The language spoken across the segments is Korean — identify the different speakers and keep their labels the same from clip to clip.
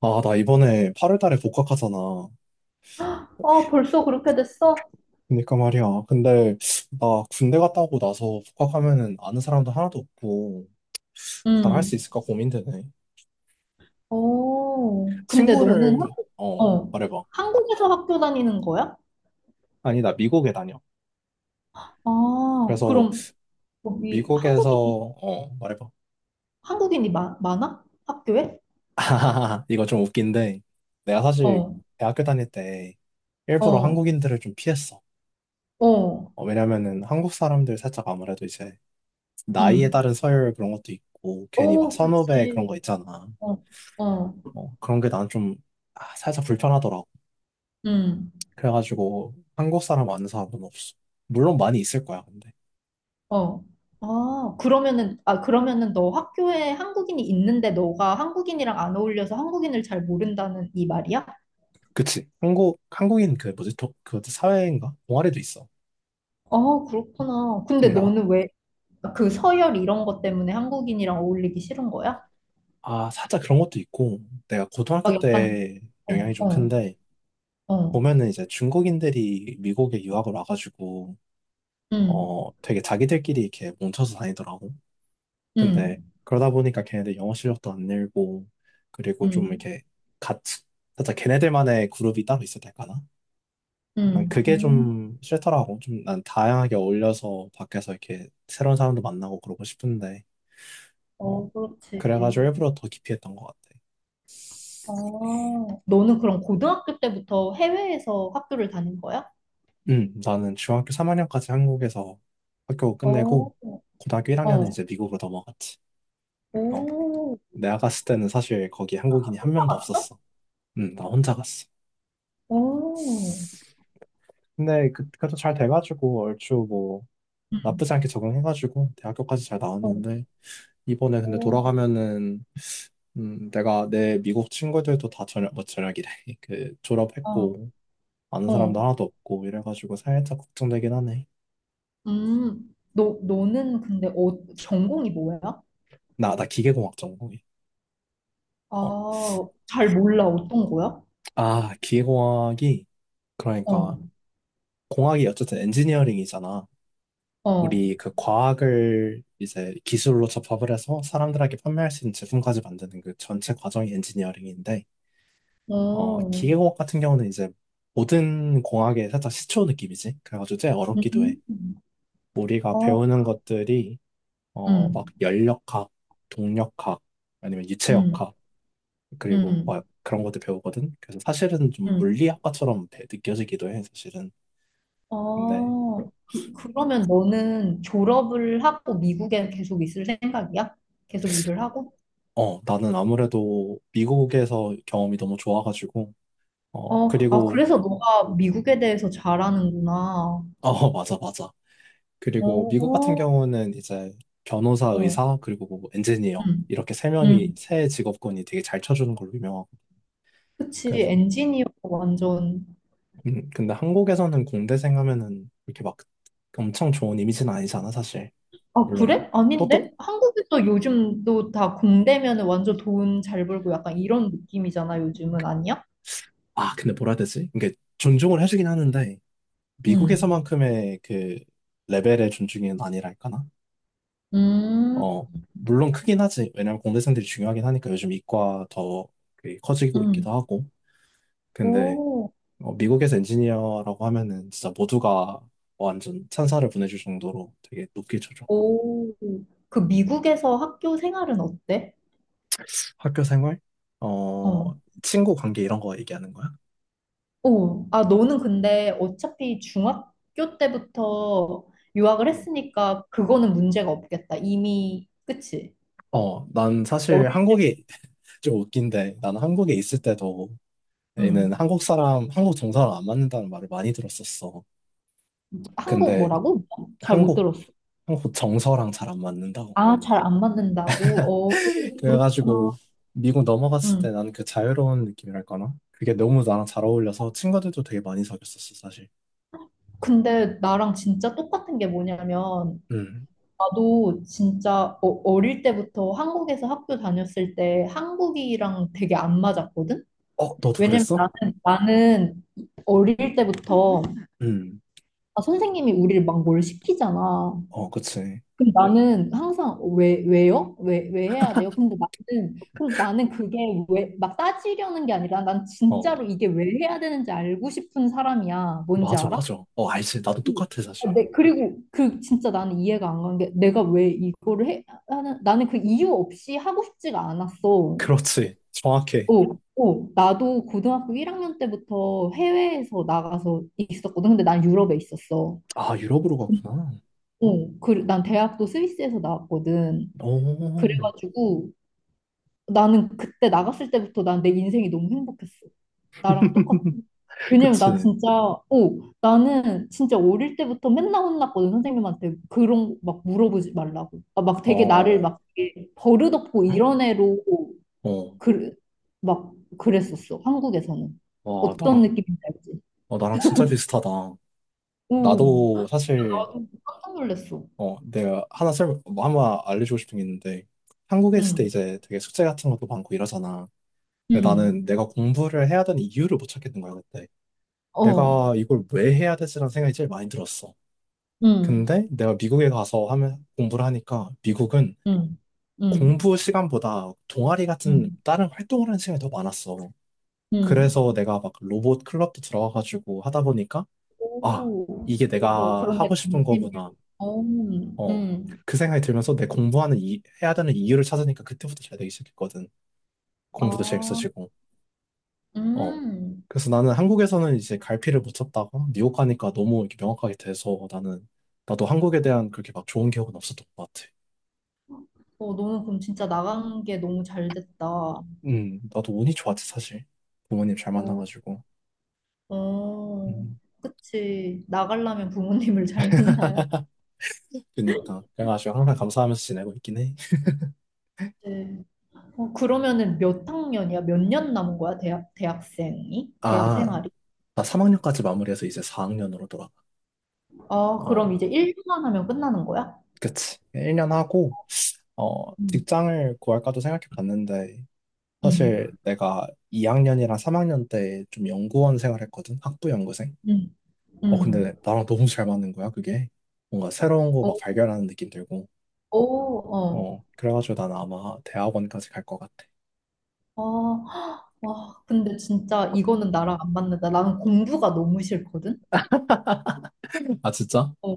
Speaker 1: 아, 나 이번에 8월 달에 복학하잖아.
Speaker 2: 아, 벌써 그렇게 됐어?
Speaker 1: 그러니까 말이야. 근데 나 군대 갔다 오고 나서 복학하면은 아는 사람도 하나도 없고 잘 할 수
Speaker 2: 음.
Speaker 1: 있을까 고민되네.
Speaker 2: 오, 근데 너는
Speaker 1: 친구를
Speaker 2: 한국, 어,
Speaker 1: 말해봐.
Speaker 2: 한국에서 학교 다니는 거야?
Speaker 1: 아니, 나 미국에 다녀.
Speaker 2: 아,
Speaker 1: 그래서
Speaker 2: 그럼 여기
Speaker 1: 미국에서
Speaker 2: 한국인,
Speaker 1: 말해봐.
Speaker 2: 한국인이 많아? 학교에?
Speaker 1: 이거 좀 웃긴데 내가 사실
Speaker 2: 어,
Speaker 1: 대학교 다닐 때 일부러
Speaker 2: 어,
Speaker 1: 한국인들을 좀 피했어.
Speaker 2: 어,
Speaker 1: 왜냐면은 한국 사람들 살짝 아무래도 이제 나이에
Speaker 2: 음.
Speaker 1: 따른 서열 그런 것도 있고 괜히 막
Speaker 2: 오,
Speaker 1: 선후배 그런
Speaker 2: 그치.
Speaker 1: 거 있잖아.
Speaker 2: 어, 어,
Speaker 1: 어, 그런 게 난좀 살짝 불편하더라고.
Speaker 2: 음.
Speaker 1: 그래가지고 한국 사람 아는 사람은 없어. 물론 많이 있을 거야, 근데.
Speaker 2: 어. 아, 그러면은, 아, 그러면은 너 학교에 한국인이 있는데 너가 한국인이랑 안 어울려서 한국인을 잘 모른다는 이 말이야?
Speaker 1: 그치. 한국인 그 뭐지, 독, 그 사회인가? 동아리도 있어.
Speaker 2: 아, 그렇구나. 근데
Speaker 1: 아,
Speaker 2: 너는 왜, 그 서열 이런 것 때문에 한국인이랑 어울리기 싫은 거야?
Speaker 1: 아, 살짝 그런 것도 있고, 내가
Speaker 2: 막
Speaker 1: 고등학교
Speaker 2: 약간
Speaker 1: 때
Speaker 2: 어,
Speaker 1: 영향이 좀
Speaker 2: 어,
Speaker 1: 큰데,
Speaker 2: 어,
Speaker 1: 보면은 이제 중국인들이 미국에 유학을 와가지고,
Speaker 2: 음,
Speaker 1: 되게 자기들끼리 이렇게 뭉쳐서 다니더라고. 근데
Speaker 2: 음,
Speaker 1: 그러다 보니까 걔네들 영어 실력도 안 늘고, 그리고 좀
Speaker 2: 음,
Speaker 1: 이렇게 같이, 살짝 걔네들만의 그룹이 따로 있어야 될까나? 난
Speaker 2: 음,
Speaker 1: 그게
Speaker 2: 음.
Speaker 1: 좀 싫더라고. 좀 난 다양하게 어울려서 밖에서 이렇게 새로운 사람도 만나고 그러고 싶은데, 어,
Speaker 2: 어, 그렇지.
Speaker 1: 그래가지고 일부러 더 깊이 했던 것 같아.
Speaker 2: 어, 너는 그럼 고등학교 때부터 해외에서 학교를 다닌 거야?
Speaker 1: 나는 중학교 3학년까지 한국에서 학교 끝내고,
Speaker 2: 어,
Speaker 1: 고등학교 1학년은
Speaker 2: 어,
Speaker 1: 이제 미국으로 넘어갔지. 어,
Speaker 2: 오,
Speaker 1: 내가 갔을 때는 사실 거기 한국인이 한 명도
Speaker 2: 올라갔어.
Speaker 1: 없었어. 나 혼자 갔어.
Speaker 2: 오,
Speaker 1: 근데 그, 그래도 잘 돼가지고 얼추 뭐 나쁘지
Speaker 2: 음,
Speaker 1: 않게 적응해가지고 대학교까지 잘
Speaker 2: 어,
Speaker 1: 나왔는데 이번에 근데
Speaker 2: 오,
Speaker 1: 돌아가면은 내가 내 미국 친구들도 다 저녁, 뭐 저녁이래. 그
Speaker 2: 어,
Speaker 1: 졸업했고 아는 사람도
Speaker 2: 어,
Speaker 1: 하나도 없고 이래가지고 살짝 걱정되긴 하네.
Speaker 2: 너는 근데 어, 전공이 뭐야?
Speaker 1: 나 기계공학 전공이. 어,
Speaker 2: 아, 잘 몰라, 어떤 거야?
Speaker 1: 기계공학이
Speaker 2: 어,
Speaker 1: 그러니까 공학이 어쨌든 엔지니어링이잖아.
Speaker 2: 어.
Speaker 1: 우리 그 과학을 이제 기술로 접합을 해서 사람들에게 판매할 수 있는 제품까지 만드는 그 전체 과정이 엔지니어링인데,
Speaker 2: 어,
Speaker 1: 기계공학 같은 경우는 이제 모든 공학의 살짝 시초 느낌이지. 그래가지고 제일 어렵기도 해.
Speaker 2: 음.
Speaker 1: 우리가
Speaker 2: 어,
Speaker 1: 배우는 것들이 막
Speaker 2: 음.
Speaker 1: 열역학, 동력학, 아니면
Speaker 2: 음.
Speaker 1: 유체역학, 그리고 막
Speaker 2: 음.
Speaker 1: 그런 것도 배우거든. 그래서 사실은 좀
Speaker 2: 음.
Speaker 1: 물리학과처럼 느껴지기도 해, 사실은. 근데,
Speaker 2: 어. 그러면 너는 졸업을 하고 미국에 계속 있을 생각이야? 계속 일을 하고?
Speaker 1: 나는 아무래도 미국에서 경험이 너무 좋아가지고, 어,
Speaker 2: 어, 아,
Speaker 1: 그리고,
Speaker 2: 그래서 너가 미국에 대해서 잘 아는구나.
Speaker 1: 어, 맞아, 맞아. 그리고 미국 같은
Speaker 2: 어,
Speaker 1: 경우는 이제 변호사,
Speaker 2: 어.
Speaker 1: 의사, 그리고 뭐 엔지니어,
Speaker 2: 음.
Speaker 1: 이렇게
Speaker 2: 음.
Speaker 1: 세 직업군이 되게 잘 쳐주는 걸로 유명하고.
Speaker 2: 그치,
Speaker 1: 그래서,
Speaker 2: 엔지니어 완전.
Speaker 1: 근데 한국에서는 공대생 하면은 이렇게 막 엄청 좋은 이미지는 아니잖아, 사실.
Speaker 2: 아,
Speaker 1: 물론
Speaker 2: 그래?
Speaker 1: 똑똑
Speaker 2: 아닌데? 한국에서 요즘도 다 공대면 완전 돈 잘 벌고 약간 이런 느낌이잖아, 요즘은 아니야?
Speaker 1: 아 근데 뭐라 해야 되지? 이게 존중을 해주긴 하는데
Speaker 2: 음.
Speaker 1: 미국에서만큼의 그 레벨의 존중은 아니랄까나?
Speaker 2: 음.
Speaker 1: 어 물론 크긴 하지. 왜냐면 공대생들이 중요하긴 하니까 요즘 이과 더그 커지고
Speaker 2: 응.
Speaker 1: 있기도 하고. 근데
Speaker 2: 오,
Speaker 1: 미국에서 엔지니어라고 하면은 진짜 모두가 완전 찬사를 보내줄 정도로 되게 높게 쳐줘.
Speaker 2: 오, 그 미국에서 학교 생활은 어때?
Speaker 1: 학교 생활? 어
Speaker 2: 어.
Speaker 1: 친구 관계 이런 거 얘기하는 거야?
Speaker 2: 오, 아, 너는 근데 어차피 중학교 때부터 유학을
Speaker 1: 음.
Speaker 2: 했으니까 그거는 문제가 없겠다. 이미, 그치?
Speaker 1: 어, 난 사실
Speaker 2: 어릴 때,
Speaker 1: 한국이 좀 웃긴데, 나는 한국에 있을 때도 얘는
Speaker 2: 응.
Speaker 1: 한국 사람, 한국 정서랑 안 맞는다는 말을 많이 들었었어.
Speaker 2: 한국
Speaker 1: 근데
Speaker 2: 뭐라고? 잘 못
Speaker 1: 한국,
Speaker 2: 들었어.
Speaker 1: 한국 정서랑 잘 안 맞는다고.
Speaker 2: 아, 잘 안 맞는다고? 어,
Speaker 1: 그래가지고
Speaker 2: 그렇구나.
Speaker 1: 미국 넘어갔을
Speaker 2: 응.
Speaker 1: 때 나는 그 자유로운 느낌이랄까나? 그게 너무 나랑 잘 어울려서 친구들도 되게 많이 사귀었었어, 사실.
Speaker 2: 근데 나랑 진짜 똑같은 게 뭐냐면,
Speaker 1: 음.
Speaker 2: 나도 진짜 어, 어릴 때부터 한국에서 학교 다녔을 때 한국이랑 되게 안 맞았거든?
Speaker 1: 어, 너도
Speaker 2: 왜냐면
Speaker 1: 그랬어?
Speaker 2: 나는 어릴 때부터
Speaker 1: 음.
Speaker 2: 아, 선생님이 우리를 막 뭘 시키잖아.
Speaker 1: 어, 그치.
Speaker 2: 그럼 나는 항상 왜, 왜요? 왜, 왜 해야 돼요? 근데 나는 그게 왜, 막 따지려는 게 아니라 난
Speaker 1: 어,
Speaker 2: 진짜로 이게 왜 해야 되는지 알고 싶은 사람이야. 뭔지
Speaker 1: 맞아,
Speaker 2: 알아?
Speaker 1: 맞아. 어, 알지. 나도 똑같아,
Speaker 2: 아,
Speaker 1: 사실.
Speaker 2: 네, 그리고 그 진짜 나는 이해가 안 가는 게 내가 왜 이거를 해 하는 나는 그 이유 없이 하고 싶지가 않았어.
Speaker 1: 그렇지. 정확해.
Speaker 2: 오 오 나도 고등학교 1학년 때부터 해외에서 나가서 있었거든. 근데 난 유럽에 있었어.
Speaker 1: 아, 유럽으로 갔구나.
Speaker 2: 어, 그, 난 대학도 스위스에서 나왔거든.
Speaker 1: 오.
Speaker 2: 그래가지고 나는 그때 나갔을 때부터 난 내 인생이 너무 행복했어. 나랑 똑같아. 왜냐면 나
Speaker 1: 그치.
Speaker 2: 진짜, 오, 나는 진짜 어릴 때부터 맨날 혼났거든, 선생님한테. 그런, 막 물어보지 말라고. 아, 막 되게 나를
Speaker 1: 어,
Speaker 2: 막 되게 버릇없고 이런 애로,
Speaker 1: 어,
Speaker 2: 그, 막 그랬었어, 한국에서는.
Speaker 1: 와,
Speaker 2: 어떤
Speaker 1: 나랑
Speaker 2: 느낌인지 알지?
Speaker 1: 어, 나랑 진짜 비슷하다.
Speaker 2: 오,
Speaker 1: 나도 사실,
Speaker 2: 나도 깜짝 놀랐어.
Speaker 1: 어, 내가 뭐 하나 알려주고 싶은 게 있는데, 한국에 있을 때
Speaker 2: 응,
Speaker 1: 이제 되게 숙제 같은 것도 많고 이러잖아. 근데 나는
Speaker 2: 응,
Speaker 1: 내가 공부를 해야 되는 이유를 못 찾겠는 거야, 그때.
Speaker 2: 어,
Speaker 1: 내가 이걸 왜 해야 되지라는 생각이 제일 많이 들었어.
Speaker 2: 응,
Speaker 1: 근데 내가 미국에 가서 하면, 공부를 하니까, 미국은
Speaker 2: 응, 응,
Speaker 1: 공부 시간보다 동아리 같은
Speaker 2: 응,
Speaker 1: 다른 활동을 하는 시간이 더 많았어.
Speaker 2: 응.
Speaker 1: 그래서 내가 막 로봇 클럽도 들어가가지고 하다 보니까, 아,
Speaker 2: 오,
Speaker 1: 이게
Speaker 2: 그래서
Speaker 1: 내가
Speaker 2: 그런데
Speaker 1: 하고 싶은
Speaker 2: 관심을,
Speaker 1: 거구나.
Speaker 2: 어, 응,
Speaker 1: 어,
Speaker 2: 응.
Speaker 1: 그 생각이 들면서 내 공부하는 해야 되는 이유를 찾으니까 그때부터 잘 되기 시작했거든.
Speaker 2: 아,
Speaker 1: 공부도 재밌어지고. 어.
Speaker 2: 음.
Speaker 1: 그래서 나는 한국에서는 이제 갈피를 못 쳤다가 뉴욕 가니까 너무 이렇게 명확하게 돼서 나는 나도 한국에 대한 그렇게 막 좋은 기억은 없었던 것 같아.
Speaker 2: 어, 너는 그럼 진짜 나간 게 너무 잘 됐다. 어,
Speaker 1: 나도 운이 좋았지 사실. 부모님 잘 만나가지고.
Speaker 2: 어,
Speaker 1: 음,
Speaker 2: 그치. 나가려면 부모님을 잘 만나야 지
Speaker 1: 그니까 그래가지고 항상 감사하면서 지내고 있긴 해.
Speaker 2: 어, 그러면은 몇 학년이야? 몇 년 남은 거야? 대학, 대학생이? 대학
Speaker 1: 아,
Speaker 2: 생활이?
Speaker 1: 나 3학년까지 마무리해서 이제 4학년으로 돌아가.
Speaker 2: 아, 그럼
Speaker 1: 어,
Speaker 2: 이제 1년만 하면 끝나는 거야?
Speaker 1: 그치. 1년 하고 어,
Speaker 2: 응,
Speaker 1: 직장을 구할까도 생각해 봤는데 사실
Speaker 2: 응,
Speaker 1: 내가 2학년이랑 3학년 때 좀 연구원 생활했거든. 학부 연구생.
Speaker 2: 응,
Speaker 1: 근데
Speaker 2: 응.
Speaker 1: 나랑 너무 잘 맞는 거야, 그게. 뭔가 새로운 거 막
Speaker 2: 어,
Speaker 1: 발견하는 느낌 들고.
Speaker 2: 어, 어.
Speaker 1: 그래가지고 난 아마 대학원까지 갈 것 같아.
Speaker 2: 아, 와, 근데 진짜 이거는 나랑 안 맞는다. 나는 공부가 너무 싫거든?
Speaker 1: 아, 진짜?
Speaker 2: 어,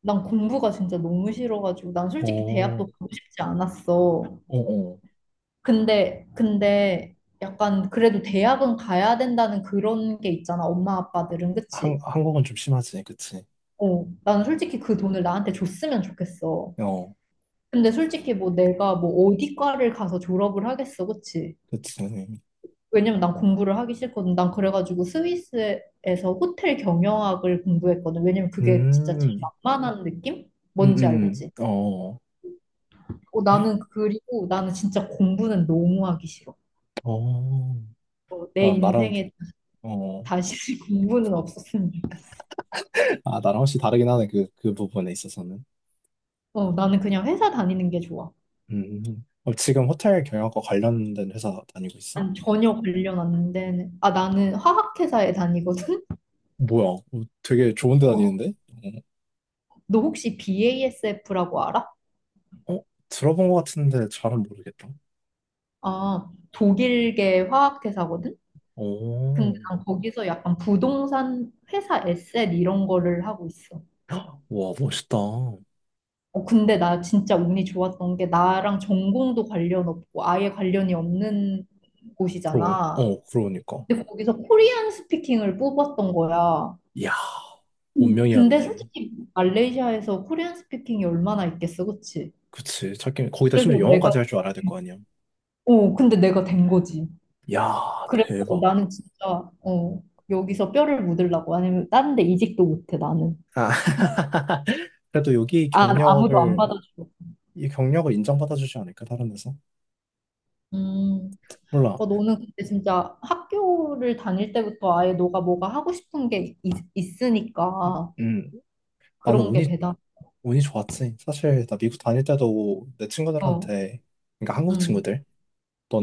Speaker 2: 난 공부가 진짜 너무 싫어가지고 난 솔직히
Speaker 1: 어,
Speaker 2: 대학도 가고 싶지 않았어.
Speaker 1: 어, 어.
Speaker 2: 근데 약간 그래도 대학은 가야 된다는 그런 게 있잖아. 엄마 아빠들은 그치?
Speaker 1: 한국은 좀 심하지, 그치?
Speaker 2: 어, 난 솔직히 그 돈을 나한테 줬으면 좋겠어.
Speaker 1: 어,
Speaker 2: 근데 솔직히 뭐 내가 뭐 어디 과를 가서 졸업을 하겠어, 그치?
Speaker 1: 그치.
Speaker 2: 왜냐면 난 공부를 하기 싫거든. 난 그래가지고 스위스에서 호텔 경영학을 공부했거든. 왜냐면
Speaker 1: 음,
Speaker 2: 그게 진짜 제일
Speaker 1: 음,
Speaker 2: 만만한 느낌? 뭔지 알지?
Speaker 1: 어,
Speaker 2: 어, 나는 그리고 나는 진짜 공부는 너무 하기 싫어.
Speaker 1: 어.
Speaker 2: 어, 내
Speaker 1: 나, 나랑,
Speaker 2: 인생에
Speaker 1: 어,
Speaker 2: 다시 공부는 없었으면 좋겠어.
Speaker 1: 아, 나랑 혹시 다르긴 하네, 그 부분에 있어서는.
Speaker 2: 어, 나는 그냥 회사 다니는 게 좋아.
Speaker 1: 음. 어, 지금 호텔 경영학과 관련된 회사 다니고 있어?
Speaker 2: 난 전혀 관련 안 되는. 아, 나는 화학회사에 다니거든?
Speaker 1: 뭐야? 어, 되게 좋은 데
Speaker 2: 어,
Speaker 1: 다니는데?
Speaker 2: 너 혹시 BASF라고 알아?
Speaker 1: 어, 어? 들어본 것 같은데 잘은 모르겠다.
Speaker 2: 아, 독일계 화학회사거든?
Speaker 1: 오,
Speaker 2: 근데 난 거기서 약간 부동산 회사 에셋 이런 거를 하고 있어.
Speaker 1: 와, 멋있다.
Speaker 2: 어, 근데 나 진짜 운이 좋았던 게 나랑 전공도 관련 없고 아예 관련이 없는
Speaker 1: 그러,
Speaker 2: 곳이잖아.
Speaker 1: 어, 그러니까.
Speaker 2: 근데 거기서 코리안 스피킹을 뽑았던 거야.
Speaker 1: 이야,
Speaker 2: 음. 근데
Speaker 1: 운명이었네.
Speaker 2: 솔직히 말레이시아에서 코리안 스피킹이 얼마나 있겠어, 그치?
Speaker 1: 그치. 찾기, 거기다 심지어
Speaker 2: 그래서
Speaker 1: 영어까지
Speaker 2: 내가,
Speaker 1: 할 줄 알아야 될 거 아니야.
Speaker 2: 어, 근데 내가 된 거지.
Speaker 1: 야,
Speaker 2: 그래서
Speaker 1: 대박.
Speaker 2: 나는 진짜, 어, 여기서 뼈를 묻으려고. 아니면 다른 데 이직도 못해, 나는.
Speaker 1: 아, 그래도 여기
Speaker 2: 아, 아무도 안
Speaker 1: 경력을,
Speaker 2: 받아줘.
Speaker 1: 이 경력을 인정받아주지 않을까, 다른 데서?
Speaker 2: 음.
Speaker 1: 몰라.
Speaker 2: 어, 너는 근데 진짜 학교를 다닐 때부터 아예 너가 뭐가 하고 싶은 게 있,
Speaker 1: 음,
Speaker 2: 있으니까
Speaker 1: 음. 나는
Speaker 2: 그런 게
Speaker 1: 운이
Speaker 2: 대단.
Speaker 1: 운이 좋았지. 사실 나 미국 다닐 때도 내
Speaker 2: 어,
Speaker 1: 친구들한테, 그러니까 한국
Speaker 2: 음,
Speaker 1: 친구들,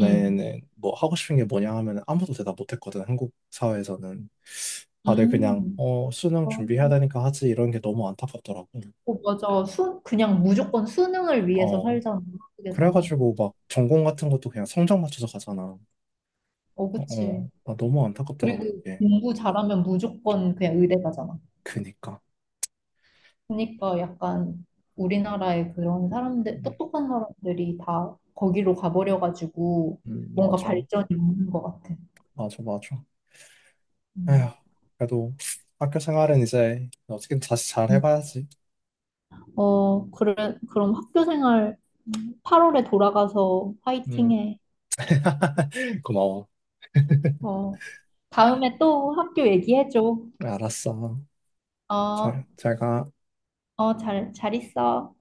Speaker 2: 음,
Speaker 1: 뭐 하고 싶은 게 뭐냐 하면 아무도 대답 못했거든. 한국 사회에서는 다들 그냥
Speaker 2: 음.
Speaker 1: 어 수능
Speaker 2: 어,
Speaker 1: 준비해야 되니까 하지 이런 게 너무 안타깝더라고.
Speaker 2: 어, 맞아. 그냥 무조건 수능을 위해서
Speaker 1: 어
Speaker 2: 살잖아, 한국에서는.
Speaker 1: 그래가지고 막 전공 같은 것도 그냥 성적 맞춰서 가잖아.
Speaker 2: 어,
Speaker 1: 어,
Speaker 2: 그치.
Speaker 1: 어. 나 너무
Speaker 2: 그리고
Speaker 1: 안타깝더라고 그게.
Speaker 2: 공부 잘하면 무조건 그냥 의대 가잖아.
Speaker 1: 그니까.
Speaker 2: 그러니까 약간 우리나라의 그런 사람들,
Speaker 1: 음,
Speaker 2: 똑똑한 사람들이 다 거기로 가버려가지고 뭔가
Speaker 1: 맞아,
Speaker 2: 발전이 없는 것 같아.
Speaker 1: 맞아, 맞아. 에휴,
Speaker 2: 음.
Speaker 1: 그래도 학교 생활은 이제 어떻게든 다시 잘 해봐야지.
Speaker 2: 어, 그래, 그럼 학교 생활 8월에 돌아가서
Speaker 1: 음,
Speaker 2: 화이팅해.
Speaker 1: 고마워.
Speaker 2: 어, 다음에 또 학교 얘기해줘.
Speaker 1: 알았어.
Speaker 2: 어,
Speaker 1: 잘 가.
Speaker 2: 어, 잘 있어.